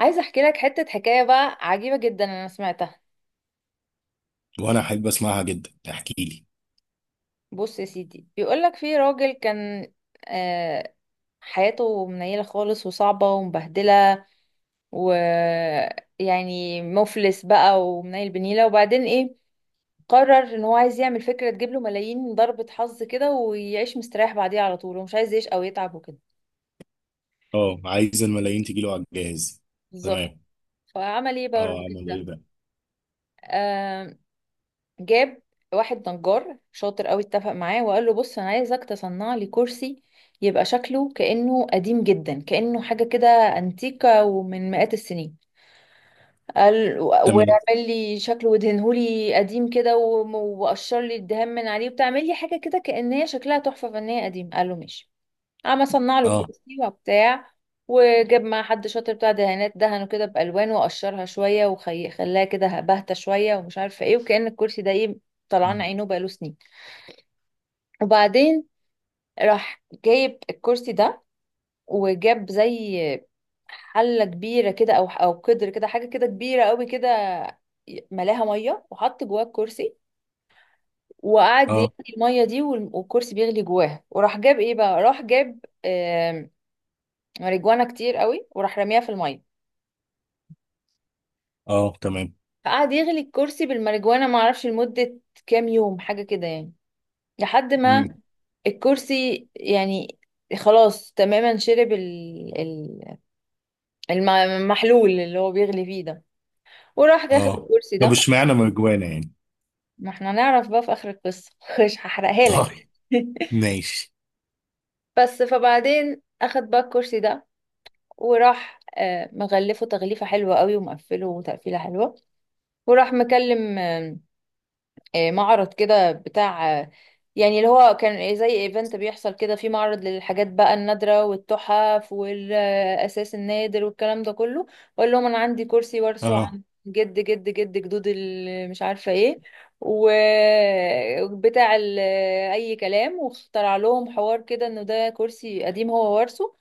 عايزة احكي لك حتة حكاية بقى عجيبة جدا انا سمعتها. وانا احب اسمعها جدا، احكي لي. بص يا سيدي، بيقول لك في راجل كان، آه، حياته منيلة خالص وصعبة ومبهدلة، ويعني مفلس بقى ومنيل بنيلة. وبعدين ايه؟ قرر ان هو عايز يعمل فكرة تجيب له ملايين، ضربة حظ كده، ويعيش مستريح بعديها على طول ومش عايز يعيش او يتعب وكده. اه، عايز الملايين تجي له على الجهاز. بالظبط. تمام. فعمل ايه بقى اه، الراجل اعمل ده؟ ايه بقى. آه، جاب واحد نجار شاطر قوي، اتفق معاه وقال له بص انا عايزك تصنع لي كرسي يبقى شكله كأنه قديم جدا، كأنه حاجة كده انتيكة ومن مئات السنين. قال تمام. واعمل لي شكله وادهنه لي قديم كده وقشر لي الدهان من عليه وبتعمل لي حاجة كده كأن هي شكلها تحفة فنية قديم. قال له ماشي. قام اصنع له اه. الكرسي وبتاع، وجاب مع حد شاطر بتاع دهانات دهنه كده بالوان وقشرها شويه وخلاها كده باهته شويه ومش عارفه ايه، وكأن الكرسي ده ايه، طلعان عينه بقاله سنين. وبعدين راح جايب الكرسي ده وجاب زي حله كبيره كده او قدر كده، حاجه كده كبيره قوي كده، ملاها ميه وحط جواه الكرسي وقعد يغلي اه. الميه دي، والكرسي بيغلي جواها. وراح جاب ايه بقى، راح جاب آم، ماريجوانا كتير قوي وراح رميها في الميه. اه. تمام. فقعد يغلي الكرسي بالماريجوانا معرفش لمدة كام يوم حاجة كده يعني، لحد ما امم. الكرسي يعني خلاص تماما شرب المحلول اللي هو بيغلي فيه ده. وراح ياخد اه، الكرسي طب ده. اشمعنى مرجوانة يعني؟ ما احنا نعرف بقى في آخر القصة مش هحرقها لك. طيب. ماشي. بس فبعدين اخد بقى الكرسي ده وراح مغلفه تغليفة حلوة قوي ومقفله تقفيلة حلوة، وراح مكلم معرض كده بتاع، يعني اللي هو كان زي ايفنت بيحصل كده، في معرض للحاجات بقى النادرة والتحف والأساس النادر والكلام ده كله، وأقول لهم أنا عندي كرسي وارثه اه. عن جد جد جد جدود مش عارفة ايه وبتاع ال- أي كلام، واخترع لهم حوار كده إنه ده كرسي قديم هو وارثه.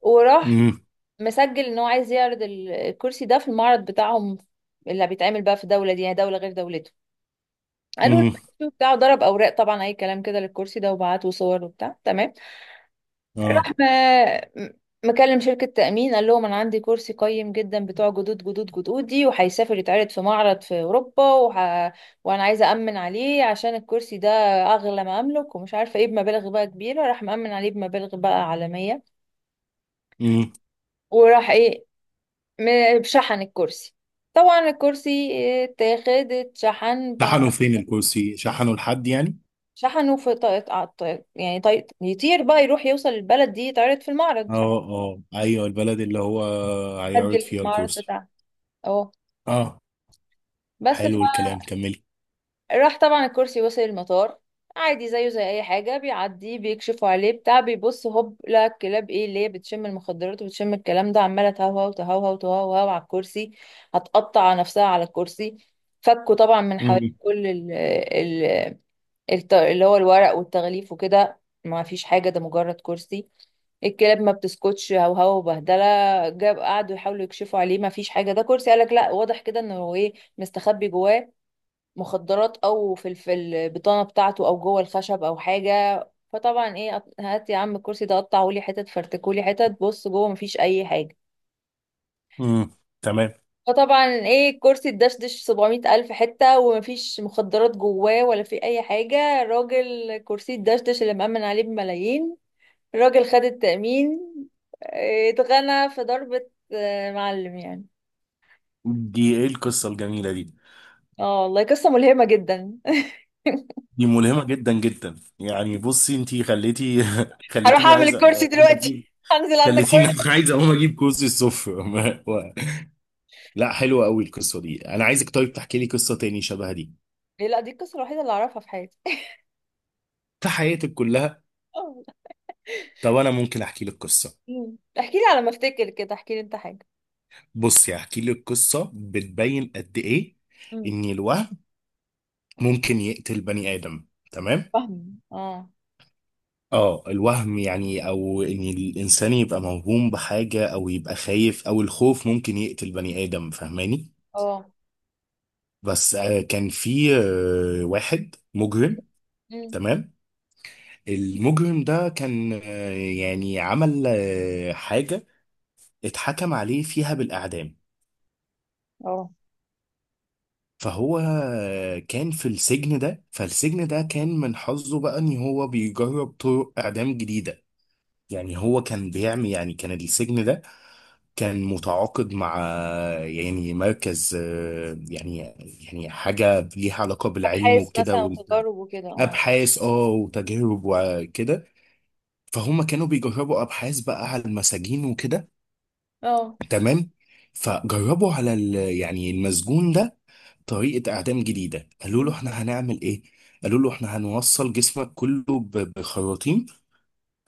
وراح امم. مسجل إن هو عايز يعرض الكرسي ده في المعرض بتاعهم اللي بيتعمل بقى في دولة دي، يعني دولة غير دولته. قالوا له امم. ماشي وبتاع، وضرب اوراق طبعا اي كلام كده للكرسي ده وبعت وصور وبتاع تمام. اه. راح م- مكلم شركة تأمين، قال لهم أنا عندي كرسي قيم جدا بتوع جدود جدود جدودي، وهيسافر يتعرض في معرض في أوروبا وأنا عايزة أمن عليه، عشان الكرسي ده أغلى ما أملك ومش عارفة إيه، بمبالغ بقى كبيرة. راح مأمن عليه بمبالغ بقى عالمية. امم، وراح إيه، شحن الكرسي. طبعا الكرسي اتاخد اتشحن، شحنوا فين الكرسي؟ شحنوا لحد يعني؟ شحنه في طائق طائق يعني، طيق يطير بقى يروح يوصل البلد دي يتعرض في المعرض، اه اه ايوه، البلد اللي هو هيعرض أجل في فيها المعرض الكرسي. بتاعها. اه اه، بس. حلو الكلام، كملي. فراح طبعا الكرسي وصل المطار عادي زيه زي اي حاجه، بيعدي بيكشفوا عليه بتاع بيبص هوب، لا الكلاب ايه اللي هي بتشم المخدرات وبتشم الكلام ده عماله تهوهو على الكرسي، هتقطع نفسها على الكرسي. فكوا طبعا من امم. حوالي كل اللي هو الورق والتغليف وكده. ما فيش حاجة، ده مجرد كرسي. الكلاب ما بتسكتش، هوهو وبهدلة. جاب قعدوا يحاولوا يكشفوا عليه، ما فيش حاجة، ده كرسي. قالك لا، واضح كده انه هو ايه مستخبي جواه مخدرات، او في في البطانة بتاعته، او جوه الخشب او حاجة. فطبعا ايه، هات يا عم الكرسي ده قطعهولي حتت، فرتكولي حتت، بص جوه مفيش اي حاجة. امم. تمام. فطبعا ايه، الكرسي اتدشدش 700 ألف حتة، ومفيش مخدرات جواه ولا في أي حاجة. الراجل كرسي اتدشدش اللي مأمن عليه بملايين، الراجل خد التأمين، اتغنى في ضربة، معلم يعني. دي ايه القصة الجميلة دي؟ اه والله قصة ملهمة جدا. دي ملهمة جدا جدا يعني. بصي انتي خليتي هروح خليتيني أعمل عايز الكرسي اقوم دلوقتي. اجيب. هنزل عندك خليتيني كرسي. عايز اقوم اجيب كوز الصفر لا، حلوة قوي القصة دي. انا عايزك طيب تحكي لي قصة تاني شبه دي. لا دي القصة الوحيدة اللي أعرفها في حياتي. في حياتك كلها؟ طب انا ممكن احكي لك قصة. احكي لي، على ما افتكر كده احكي لي انت حاجة. بصي هحكي لك قصة بتبين قد ايه مم. ان الوهم ممكن يقتل بني ادم. تمام. فاهمة. اه. اه، الوهم يعني، او ان الانسان يبقى موهوم بحاجة او يبقى خايف، او الخوف ممكن يقتل بني ادم، فاهماني؟ اه. بس كان في واحد مجرم. مم. تمام. المجرم ده كان، يعني عمل حاجة اتحكم عليه فيها بالإعدام. اه. فهو كان في السجن ده، فالسجن ده كان من حظه بقى ان هو بيجرب طرق إعدام جديدة. يعني هو كان بيعمل، يعني كان السجن ده كان متعاقد مع يعني مركز، يعني يعني حاجة ليها علاقة بالعلم أبحاث مثلا وكده. وتجارب وكده، اه. ابحاث اه وتجارب وكده. فهم كانوا بيجربوا ابحاث بقى على المساجين وكده. اه. تمام. فجربوا على يعني المسجون ده طريقة اعدام جديدة. قالوا له مم. احنا هنعمل ايه. قالوا له احنا هنوصل جسمك كله بخراطيم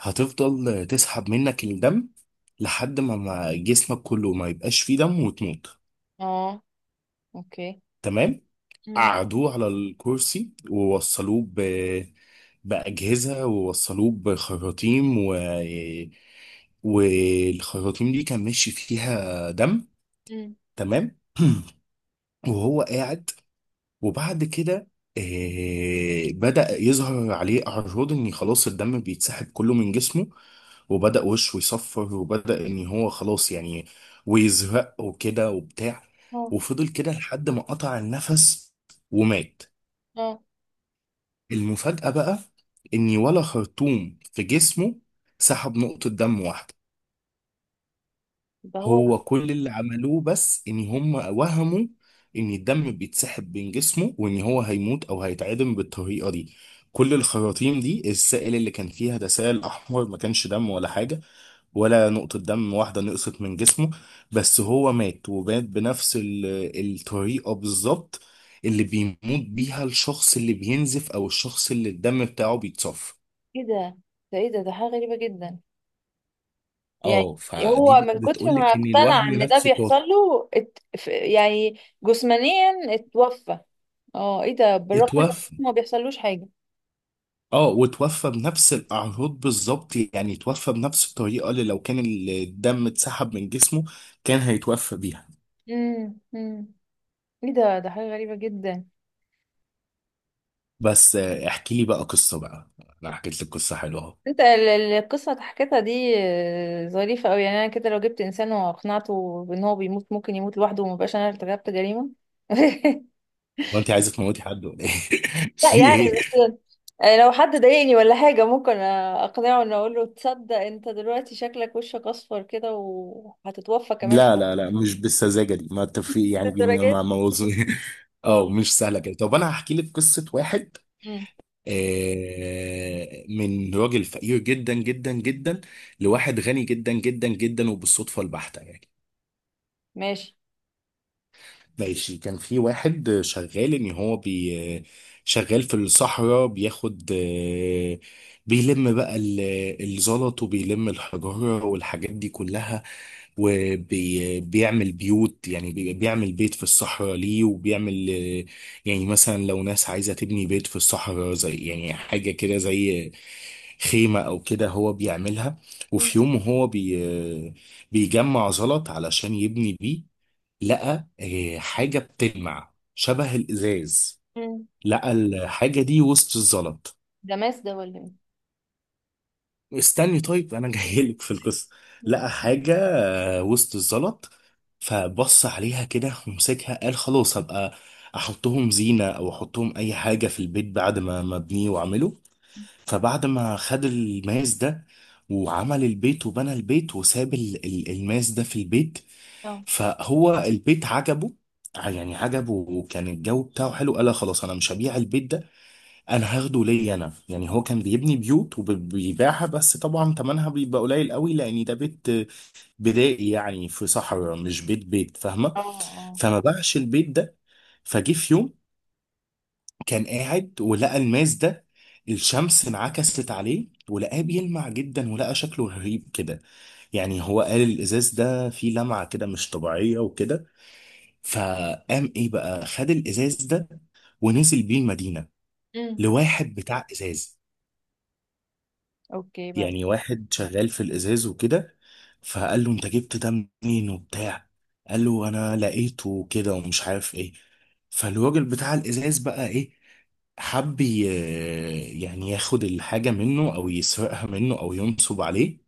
هتفضل تسحب منك الدم لحد ما جسمك كله ما يبقاش فيه دم وتموت. اه. اوكي. تمام. مم. قعدوه على الكرسي ووصلوه ب بأجهزة، ووصلوه بخراطيم، والخراطيم دي كان ماشي فيها دم. مم. تمام. وهو قاعد، وبعد كده بدأ يظهر عليه أعراض إن خلاص الدم بيتسحب كله من جسمه، وبدأ وشه يصفر، وبدأ إن هو خلاص يعني ويزرق وكده وبتاع. اه. وفضل كده لحد ما قطع النفس ومات. اه. المفاجأة بقى إن ولا خرطوم في جسمه سحب نقطة دم واحدة. ده هو. هو كل اللي عملوه بس ان هم وهموا ان الدم بيتسحب من جسمه وان هو هيموت او هيتعدم بالطريقه دي. كل الخراطيم دي السائل اللي كان فيها ده سائل احمر، ما كانش دم ولا حاجه. ولا نقطه دم واحده نقصت من جسمه. بس هو مات، ومات بنفس الطريقه بالظبط اللي بيموت بيها الشخص اللي بينزف، او الشخص اللي الدم بتاعه بيتصفى. كده ده، ده ايه ده، ده حاجة غريبة جدا يعني. اه، فدي هو من بقى كتر ما بتقولك ان اقتنع الوهم ان ده نفسه بيحصل قاتل. له يعني جسمانيا اتوفى. اه ايه ده، بالرغم ان اتوفى. ما بيحصلوش حاجة. اه، وتوفى بنفس الاعراض بالظبط. يعني توفى بنفس الطريقه اللي لو كان الدم اتسحب من جسمه كان هيتوفى بيها. مم. مم. ايه ده، ده حاجة غريبة جدا. بس احكي لي بقى قصه بقى. انا حكيت لك قصه حلوه اهو. انت القصة اللي حكيتها دي ظريفة قوي يعني. انا كده لو جبت انسان واقنعته بان هو بيموت، ممكن يموت لوحده ومبقاش انا ارتكبت جريمة. وانت عايزه تموتي حد ولا ايه؟ لا في يعني إيه؟ بس، لو حد ضايقني ولا حاجة ممكن اقنعه ان اقول له تصدق انت دلوقتي شكلك وشك اصفر كده وهتتوفى كمان. لا لا لا، مش بالسذاجه دي ما تفي، شوية يعني ما الدرجات. موضوع اه اه. مش سهله كده. طب انا هحكي لك قصه واحد مم. من راجل فقير جدا جدا جدا لواحد غني جدا جدا جدا، وبالصدفه البحته يعني. ماشي. ماشي. كان في واحد شغال ان هو بي، شغال في الصحراء، بياخد بيلم بقى الزلط، وبيلم الحجارة والحاجات دي كلها، وبيعمل بيوت. يعني بيعمل بيت في الصحراء ليه، وبيعمل يعني مثلا لو ناس عايزة تبني بيت في الصحراء زي يعني حاجة كده زي خيمة أو كده هو بيعملها. مم. وفي يوم هو بي بيجمع زلط علشان يبني بيه، لقى حاجة بتلمع شبه الإزاز. مم. لقى الحاجة دي وسط الزلط. ده ماس ده ولا ايه؟ استني طيب أنا جايلك في القصة. ماشي. لقى حاجة وسط الزلط. فبص عليها كده ومسكها، قال خلاص هبقى أحطهم زينة أو أحطهم أي حاجة في البيت بعد ما أبنيه وأعمله. فبعد ما خد الماس ده وعمل البيت وبنى البيت، وساب الماس ده في البيت. اه. فهو البيت عجبه، يعني عجبه وكان الجو بتاعه حلو. قال لا خلاص انا مش هبيع البيت ده، انا هاخده ليا انا. يعني هو كان بيبني بيوت وبيبيعها، بس طبعا ثمنها بيبقى قليل قوي لان ده بيت بدائي، يعني في صحراء، مش بيت بيت، فاهمه؟ اه. اه. فما باعش البيت ده. فجه في يوم كان قاعد ولقى الماس ده، الشمس انعكست عليه ولقاه بيلمع جدا، ولقى شكله غريب كده. يعني هو قال الازاز ده فيه لمعة كده مش طبيعية وكده. فقام ايه بقى، خد الازاز ده ونزل بيه المدينه مم. لواحد بتاع ازاز، اوكي يعني بعدين. واحد شغال في الازاز وكده. فقال له انت جبت ده منين وبتاع. قال له انا لقيته وكده ومش عارف ايه. فالراجل بتاع الازاز بقى ايه، حب يعني ياخد الحاجه منه او يسرقها منه او ينصب عليه.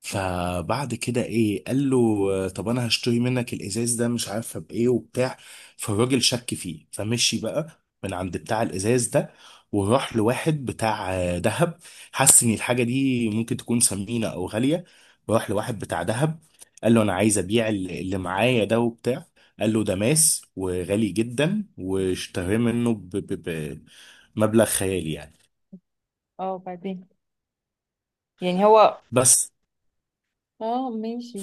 فبعد كده ايه قال له طب انا هشتري منك الازاز ده مش عارفه بايه وبتاع. فالراجل شك فيه، فمشي بقى من عند بتاع الازاز ده وراح لواحد بتاع دهب. حس ان الحاجه دي ممكن تكون ثمينه او غاليه، راح لواحد بتاع دهب قال له انا عايز ابيع اللي معايا ده وبتاع. قال له ده ماس وغالي جدا، واشتراه منه بمبلغ خيالي يعني. اه بعدين. يعني هو. بس اه ماشي.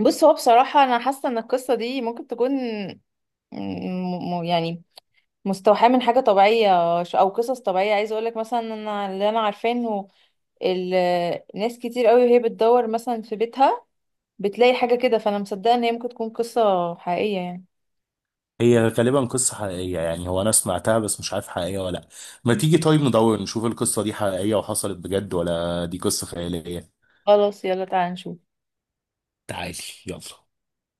بص هو بصراحة أنا حاسة إن القصة دي ممكن تكون يعني مستوحاة من حاجة طبيعية، أو قصص طبيعية. عايزة أقولك مثلا إن أنا اللي أنا عارفاه إنه ناس كتير قوي وهي بتدور مثلا في بيتها بتلاقي حاجة كده، فأنا مصدقة إن هي ممكن تكون قصة حقيقية يعني. هي غالبا قصة حقيقية يعني، هو أنا سمعتها بس مش عارف حقيقية ولا لأ. ما تيجي طيب ندور نشوف القصة دي حقيقية وحصلت بجد ولا دي قصة خيالية. خلاص يلا تعالى نشوف. تعالي. يلا.